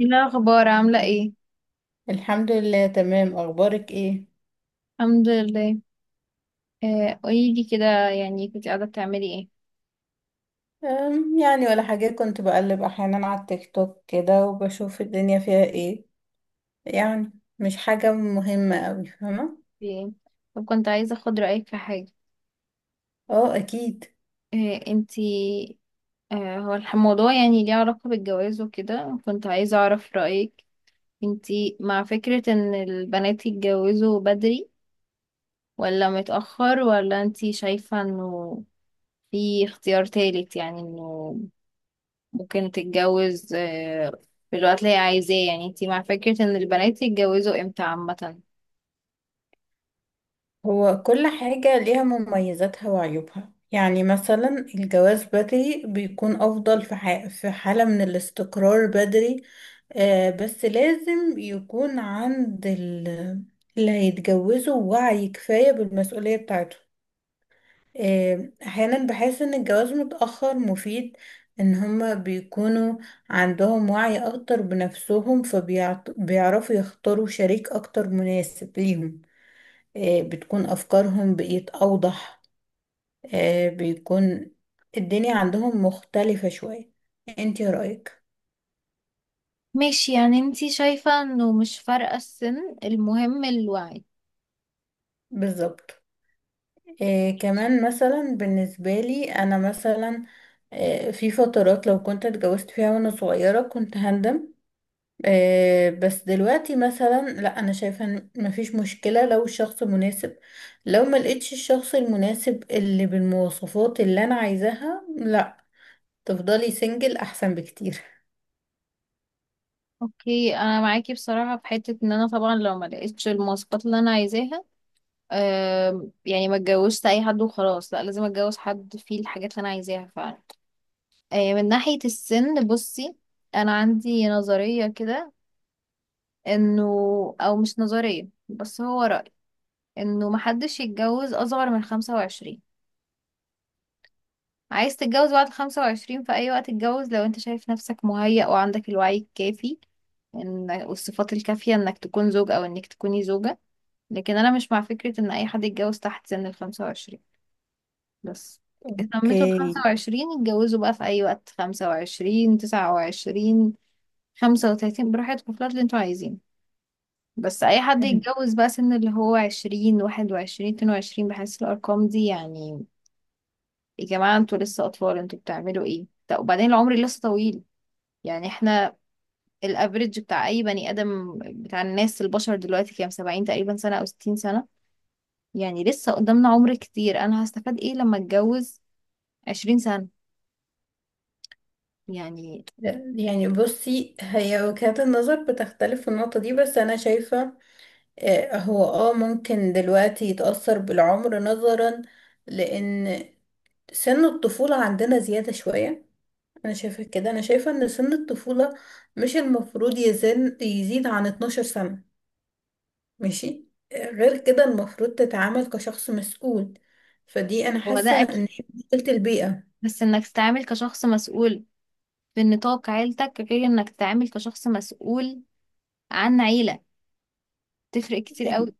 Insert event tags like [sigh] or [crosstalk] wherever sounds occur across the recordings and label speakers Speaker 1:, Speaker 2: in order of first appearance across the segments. Speaker 1: ايه الاخبار؟ عامله ايه؟
Speaker 2: الحمد لله تمام. اخبارك ايه؟
Speaker 1: الحمد لله. قولي لي كده، يعني كنت قاعده بتعملي ايه؟
Speaker 2: يعني ولا حاجة، كنت بقلب احيانا على التيك توك كده وبشوف الدنيا فيها ايه يعني. مش حاجة مهمة اوي، فاهمة.
Speaker 1: في ايه؟ طب كنت عايزه اخد رايك في حاجه.
Speaker 2: اه اكيد.
Speaker 1: آه انتي هو الموضوع يعني ليه علاقه بالجواز وكده، كنت عايزه اعرف رايك. انتي مع فكره ان البنات يتجوزوا بدري ولا متاخر، ولا انتي شايفه انه في اختيار تالت؟ يعني انه ممكن تتجوز في الوقت اللي هي عايزاه. يعني انتي مع فكره ان البنات يتجوزوا امتى عامه؟
Speaker 2: هو كل حاجة ليها مميزاتها وعيوبها، يعني مثلا الجواز بدري بيكون افضل في في حالة من الاستقرار بدري. بس لازم يكون عند اللي هيتجوزوا وعي كفاية بالمسؤولية بتاعته. احيانا بحس ان الجواز متأخر مفيد، ان هما بيكونوا عندهم وعي اكتر بنفسهم فبيعرفوا يختاروا شريك اكتر مناسب ليهم. بتكون افكارهم بقيت اوضح. بيكون الدنيا عندهم مختلفة شوية. انتي رأيك؟
Speaker 1: ماشي، يعني انتي شايفة انه مش فارقة السن، المهم الوعي.
Speaker 2: بالظبط. كمان مثلا بالنسبة لي انا مثلا، في فترات لو كنت اتجوزت فيها وانا صغيرة كنت هندم. بس دلوقتي مثلا لا، انا شايفه إن مفيش مشكله لو الشخص مناسب. لو ما لقيتش الشخص المناسب اللي بالمواصفات اللي انا عايزاها، لا، تفضلي سنجل احسن بكتير.
Speaker 1: اوكي، انا معاكي بصراحة في حتة ان انا طبعا لو ما لقيتش المواصفات اللي انا عايزاها، يعني ما اتجوزت اي حد وخلاص، لا، لازم اتجوز حد فيه الحاجات اللي انا عايزاها فعلا. من ناحية السن بصي، انا عندي نظرية كده، انه، او مش نظرية بس هو رأي، انه محدش يتجوز اصغر من 25. عايز تتجوز بعد 25 في أي وقت، اتجوز لو انت شايف نفسك مهيأ وعندك الوعي الكافي إن، والصفات الكافية انك تكون زوج او انك تكوني زوجة. لكن انا مش مع فكرة ان اي حد يتجوز تحت سن ال 25، بس. تميتوا ال
Speaker 2: اوكي.
Speaker 1: 25 اتجوزوا بقى في اي وقت، 25، 29، 35، براحتكم في الوقت اللي انتوا عايزينه. بس اي حد
Speaker 2: [laughs]
Speaker 1: يتجوز بقى سن اللي هو 20، 21، 22، بحس الارقام دي يعني، يا جماعة انتوا لسه اطفال، انتوا بتعملوا ايه؟ طب وبعدين العمر لسه طويل. يعني احنا الافريج بتاع اي بني ادم، بتاع الناس البشر دلوقتي كام؟ 70 تقريبا سنة او 60 سنة. يعني لسه قدامنا عمر كتير. انا هستفاد ايه لما اتجوز 20 سنة يعني؟
Speaker 2: يعني بصي، هي وجهات النظر بتختلف في النقطة دي، بس أنا شايفة هو اه ممكن دلوقتي يتأثر بالعمر نظرا لأن سن الطفولة عندنا زيادة شوية. انا شايفة كده، انا شايفة ان سن الطفولة مش المفروض يزيد عن 12 سنة، ماشي. غير كده المفروض تتعامل كشخص مسؤول. فدي انا
Speaker 1: هو ده
Speaker 2: حاسة ان
Speaker 1: اكيد،
Speaker 2: هي مشكلة البيئة.
Speaker 1: بس انك تتعامل كشخص مسؤول في نطاق عيلتك غير انك تتعامل كشخص مسؤول عن عيلة، تفرق كتير
Speaker 2: يعني،
Speaker 1: قوي.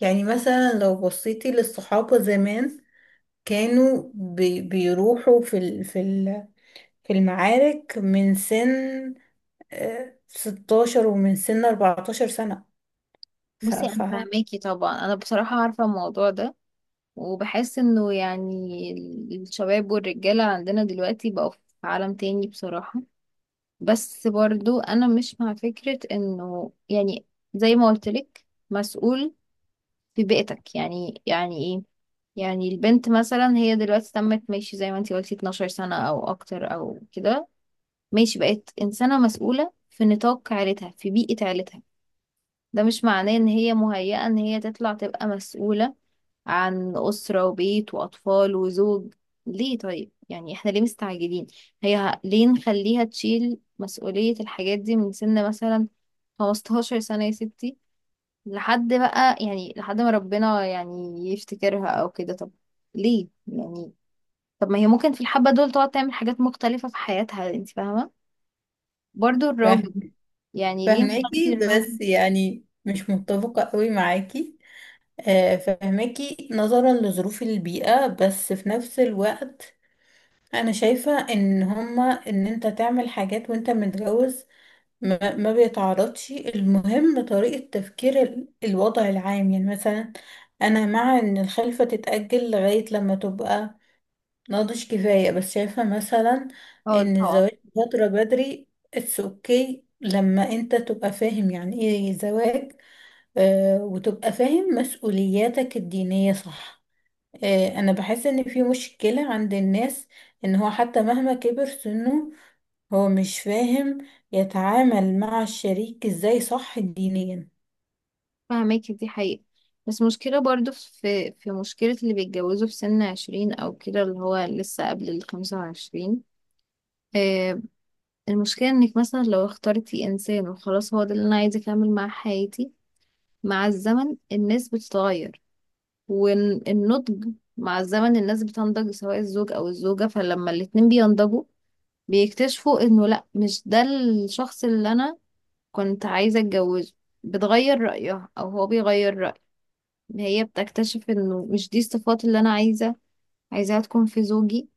Speaker 2: يعني مثلا لو بصيتي للصحابة زمان، كانوا بيروحوا في ال في ال في المعارك من سن 16 ومن سن 14 سنة. ف
Speaker 1: بصي
Speaker 2: ف
Speaker 1: انا فاهماكي طبعا، انا بصراحة عارفة الموضوع ده وبحس انه يعني الشباب والرجالة عندنا دلوقتي بقوا في عالم تاني بصراحة. بس برضو انا مش مع فكرة انه يعني، زي ما قلت لك، مسؤول في بيئتك يعني يعني ايه؟ يعني البنت مثلا هي دلوقتي تمت، ماشي زي ما انتي قلتي 12 سنة او اكتر او كده، ماشي بقت انسانة مسؤولة في نطاق عيلتها في بيئة عيلتها، ده مش معناه ان هي مهيئة ان هي تطلع تبقى مسؤولة عن اسرة وبيت واطفال وزوج. ليه؟ طيب يعني احنا ليه مستعجلين؟ ليه نخليها تشيل مسؤولية الحاجات دي من سن مثلا 15 سنة يا ستي لحد بقى، يعني لحد ما ربنا يعني يفتكرها او كده. طب ليه يعني؟ طب ما هي ممكن في الحبة دول تقعد تعمل حاجات مختلفة في حياتها، انت فاهمة. برضو الراجل، يعني ليه نخلي
Speaker 2: فاهماكي
Speaker 1: الراجل.
Speaker 2: بس يعني مش متفقة قوي معاكي. فهماكي نظرا لظروف البيئة، بس في نفس الوقت أنا شايفة إن هما، إن أنت تعمل حاجات وأنت متجوز ما بيتعرضش. المهم طريقة تفكير الوضع العام. يعني مثلا أنا مع إن الخلفة تتأجل لغاية لما تبقى ناضج كفاية، بس شايفة مثلا
Speaker 1: اه
Speaker 2: إن
Speaker 1: طبعا،
Speaker 2: الزواج فترة بدري اتس اوكي لما انت تبقى فاهم يعني ايه زواج. وتبقى فاهم مسؤولياتك الدينية، صح. انا بحس ان في مشكلة عند الناس ان هو حتى مهما كبر سنه هو مش فاهم يتعامل مع الشريك ازاي صح دينيا.
Speaker 1: فاهماكي، دي حقيقة. بس مشكلة برضو، في مشكلة اللي بيتجوزوا في سن عشرين أو كده اللي هو لسه قبل الخمسة وعشرين. آه، المشكلة انك مثلا لو اخترتي انسان وخلاص هو ده اللي انا عايزة اكمل معاه حياتي، مع الزمن الناس بتتغير. والنضج مع الزمن الناس بتنضج، سواء الزوج أو الزوجة، فلما الاتنين بينضجوا بيكتشفوا إنه لأ، مش ده الشخص اللي أنا كنت عايزة أتجوزه. بتغير رأيها أو هو بيغير رأيه، هي بتكتشف إنه مش دي الصفات اللي أنا عايزاها تكون في زوجي،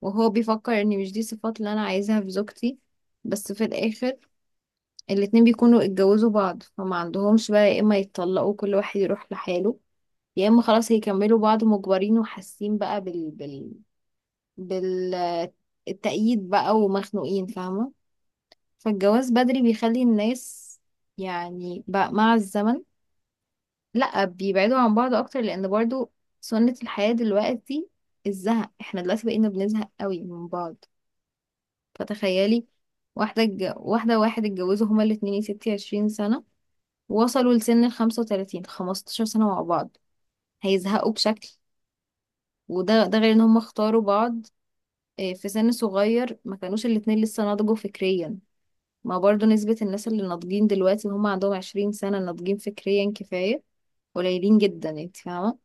Speaker 1: وهو بيفكر إن مش دي الصفات اللي أنا عايزاها في زوجتي. بس في الآخر الاتنين بيكونوا اتجوزوا بعض فما عندهمش بقى، يا إما يتطلقوا كل واحد يروح لحاله، يا اما خلاص هيكملوا بعض مجبرين وحاسين بقى بال التأييد بقى ومخنوقين، فاهمة. فالجواز بدري بيخلي الناس يعني بقى مع الزمن لا، بيبعدوا عن بعض اكتر، لان برضو سنة الحياة دلوقتي، الزهق، احنا دلوقتي بقينا بنزهق قوي من بعض. فتخيلي واحدة واحد اتجوزوا هما الاتنين يا ستي عشرين سنة، وصلوا لسن الخمسة وتلاتين، خمستاشر سنة مع بعض، هيزهقوا بشكل. وده ده غير ان هم اختاروا بعض في سن صغير، ما كانوش الاتنين لسه نضجوا فكريا. ما برضو نسبة الناس اللي ناضجين دلوقتي وهم عندهم عشرين سنة، ناضجين فكريا كفاية، قليلين جدا يعني، انت فاهمة.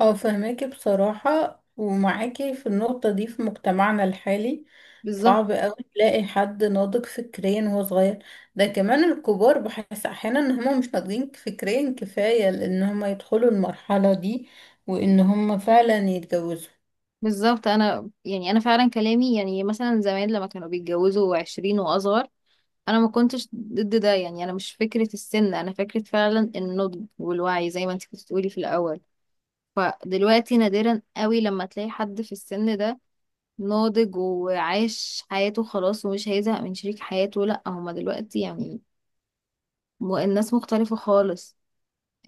Speaker 2: اه فهماكي بصراحة، ومعاكي في النقطة دي. في مجتمعنا الحالي
Speaker 1: بالظبط.
Speaker 2: صعب اوي تلاقي حد ناضج فكريا وهو صغير. ده كمان الكبار بحس احيانا ان هما مش ناضجين فكريا كفاية لان هما يدخلوا المرحلة دي وان هما فعلا يتجوزوا.
Speaker 1: بالظبط انا يعني، انا فعلا كلامي يعني مثلا زمان لما كانوا بيتجوزوا عشرين واصغر، انا ما كنتش ضد ده يعني، انا مش فكرة السن، انا فكرة فعلا النضج والوعي زي ما انت كنت بتقولي في الاول. فدلوقتي نادرا قوي لما تلاقي حد في السن ده ناضج وعاش حياته خلاص ومش هيزهق من شريك حياته، لا هما دلوقتي يعني، الناس مختلفة خالص.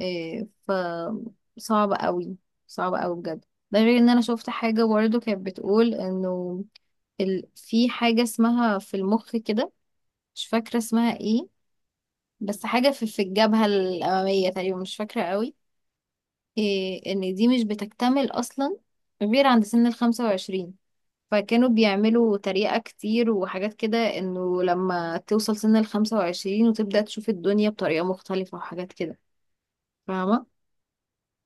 Speaker 1: إيه ف صعب قوي، صعب قوي بجد. ده غير ان انا شفت حاجة برضه كانت بتقول انه في حاجة اسمها في المخ كده، مش فاكرة اسمها ايه، بس حاجة في الجبهة الأمامية تقريبا، مش فاكرة قوي، إيه، ان دي مش بتكتمل اصلا غير عند سن الخمسة وعشرين. فكانوا بيعملوا تريقة كتير وحاجات كده، انه لما توصل سن الخمسة وعشرين وتبدأ تشوف الدنيا بطريقة مختلفة وحاجات كده، فاهمة؟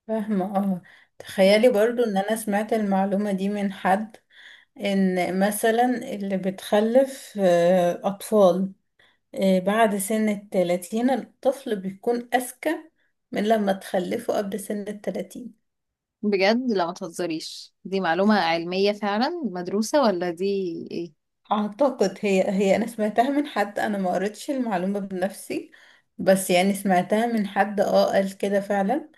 Speaker 2: فاهمة اه. تخيلي برضو ان انا سمعت المعلومة دي من حد، ان مثلا اللي بتخلف اطفال بعد سن التلاتين الطفل بيكون اذكى من لما تخلفه قبل سن التلاتين.
Speaker 1: بجد؟ لا ما تهزريش، دي معلومة علمية فعلا مدروسة ولا دي ايه؟
Speaker 2: اعتقد هي انا سمعتها من حد، انا ما قريتش المعلومة بنفسي، بس يعني سمعتها من حد اه قال كده فعلا.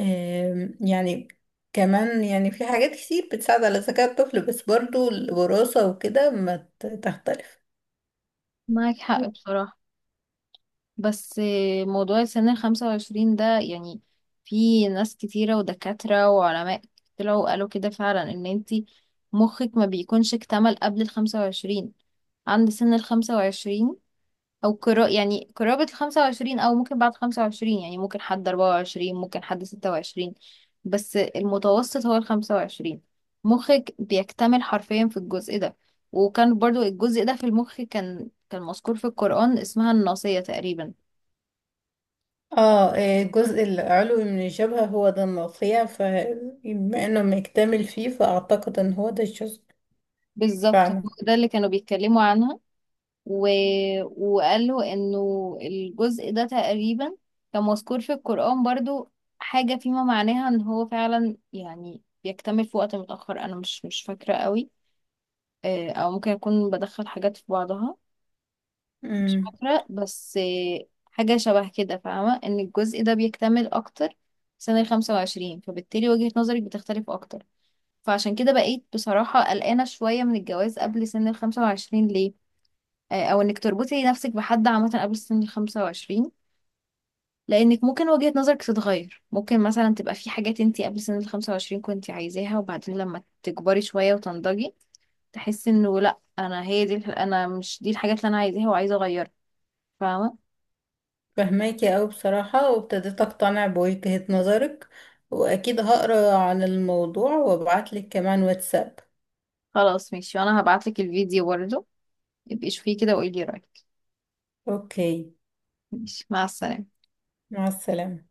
Speaker 2: يعني كمان يعني في حاجات كتير بتساعد على ذكاء الطفل، بس برضو الوراثة وكده ما ت- تختلف.
Speaker 1: معاك حق بصراحة. بس موضوع سن الخمسة وعشرين ده يعني، في ناس كتيرة ودكاترة وعلماء طلعوا وقالوا كده فعلا ان انتي مخك ما بيكونش اكتمل قبل الخمسة وعشرين، عند سن الخمسة وعشرين او قرا، يعني قرابة الخمسة وعشرين، او ممكن بعد خمسة وعشرين يعني، ممكن حد اربعة وعشرين، ممكن حد ستة وعشرين، بس المتوسط هو الخمسة وعشرين. مخك بيكتمل حرفيا في الجزء ده. وكان برضو الجزء ده في المخ كان مذكور في القرآن، اسمها الناصية تقريبا.
Speaker 2: اه الجزء العلوي من الجبهة هو ده المقطيع، فبما انه مكتمل فيه فاعتقد ان هو ده الجزء
Speaker 1: بالظبط، هو
Speaker 2: فعلا.
Speaker 1: ده اللي كانوا بيتكلموا عنها. و... وقال له انه الجزء ده تقريبا كان مذكور في القرآن برضو حاجة فيما معناها ان هو فعلا يعني بيكتمل في وقت متأخر. انا مش فاكرة قوي، او ممكن اكون بدخل حاجات في بعضها، مش
Speaker 2: امم
Speaker 1: فاكرة، بس حاجة شبه كده، فاهمة، ان الجزء ده بيكتمل اكتر في سنة الخمسة وعشرين، فبالتالي وجهة نظرك بتختلف اكتر. فعشان كده بقيت بصراحة قلقانة شوية من الجواز قبل سن الخمسة وعشرين. ليه؟ او انك تربطي نفسك بحد عامه قبل سن ال 25، لانك ممكن وجهة نظرك تتغير، ممكن مثلا تبقى في حاجات انت قبل سن ال 25 كنت عايزاها وبعدين لما تكبري شويه وتنضجي تحسي انه لا انا، هي دي، انا مش دي الحاجات اللي انا عايزاها وعايزه اغيرها، فاهمه.
Speaker 2: فهماكي اوي بصراحة، وابتديت اقتنع بوجهة نظرك. واكيد هقرا عن الموضوع وابعتلك كمان واتساب.
Speaker 1: خلاص ماشي، وانا هبعت لك الفيديو برضه، يبقي شوفيه كده وقولي رايك.
Speaker 2: اوكي.
Speaker 1: ماشي، مع السلامه.
Speaker 2: مع السلامة.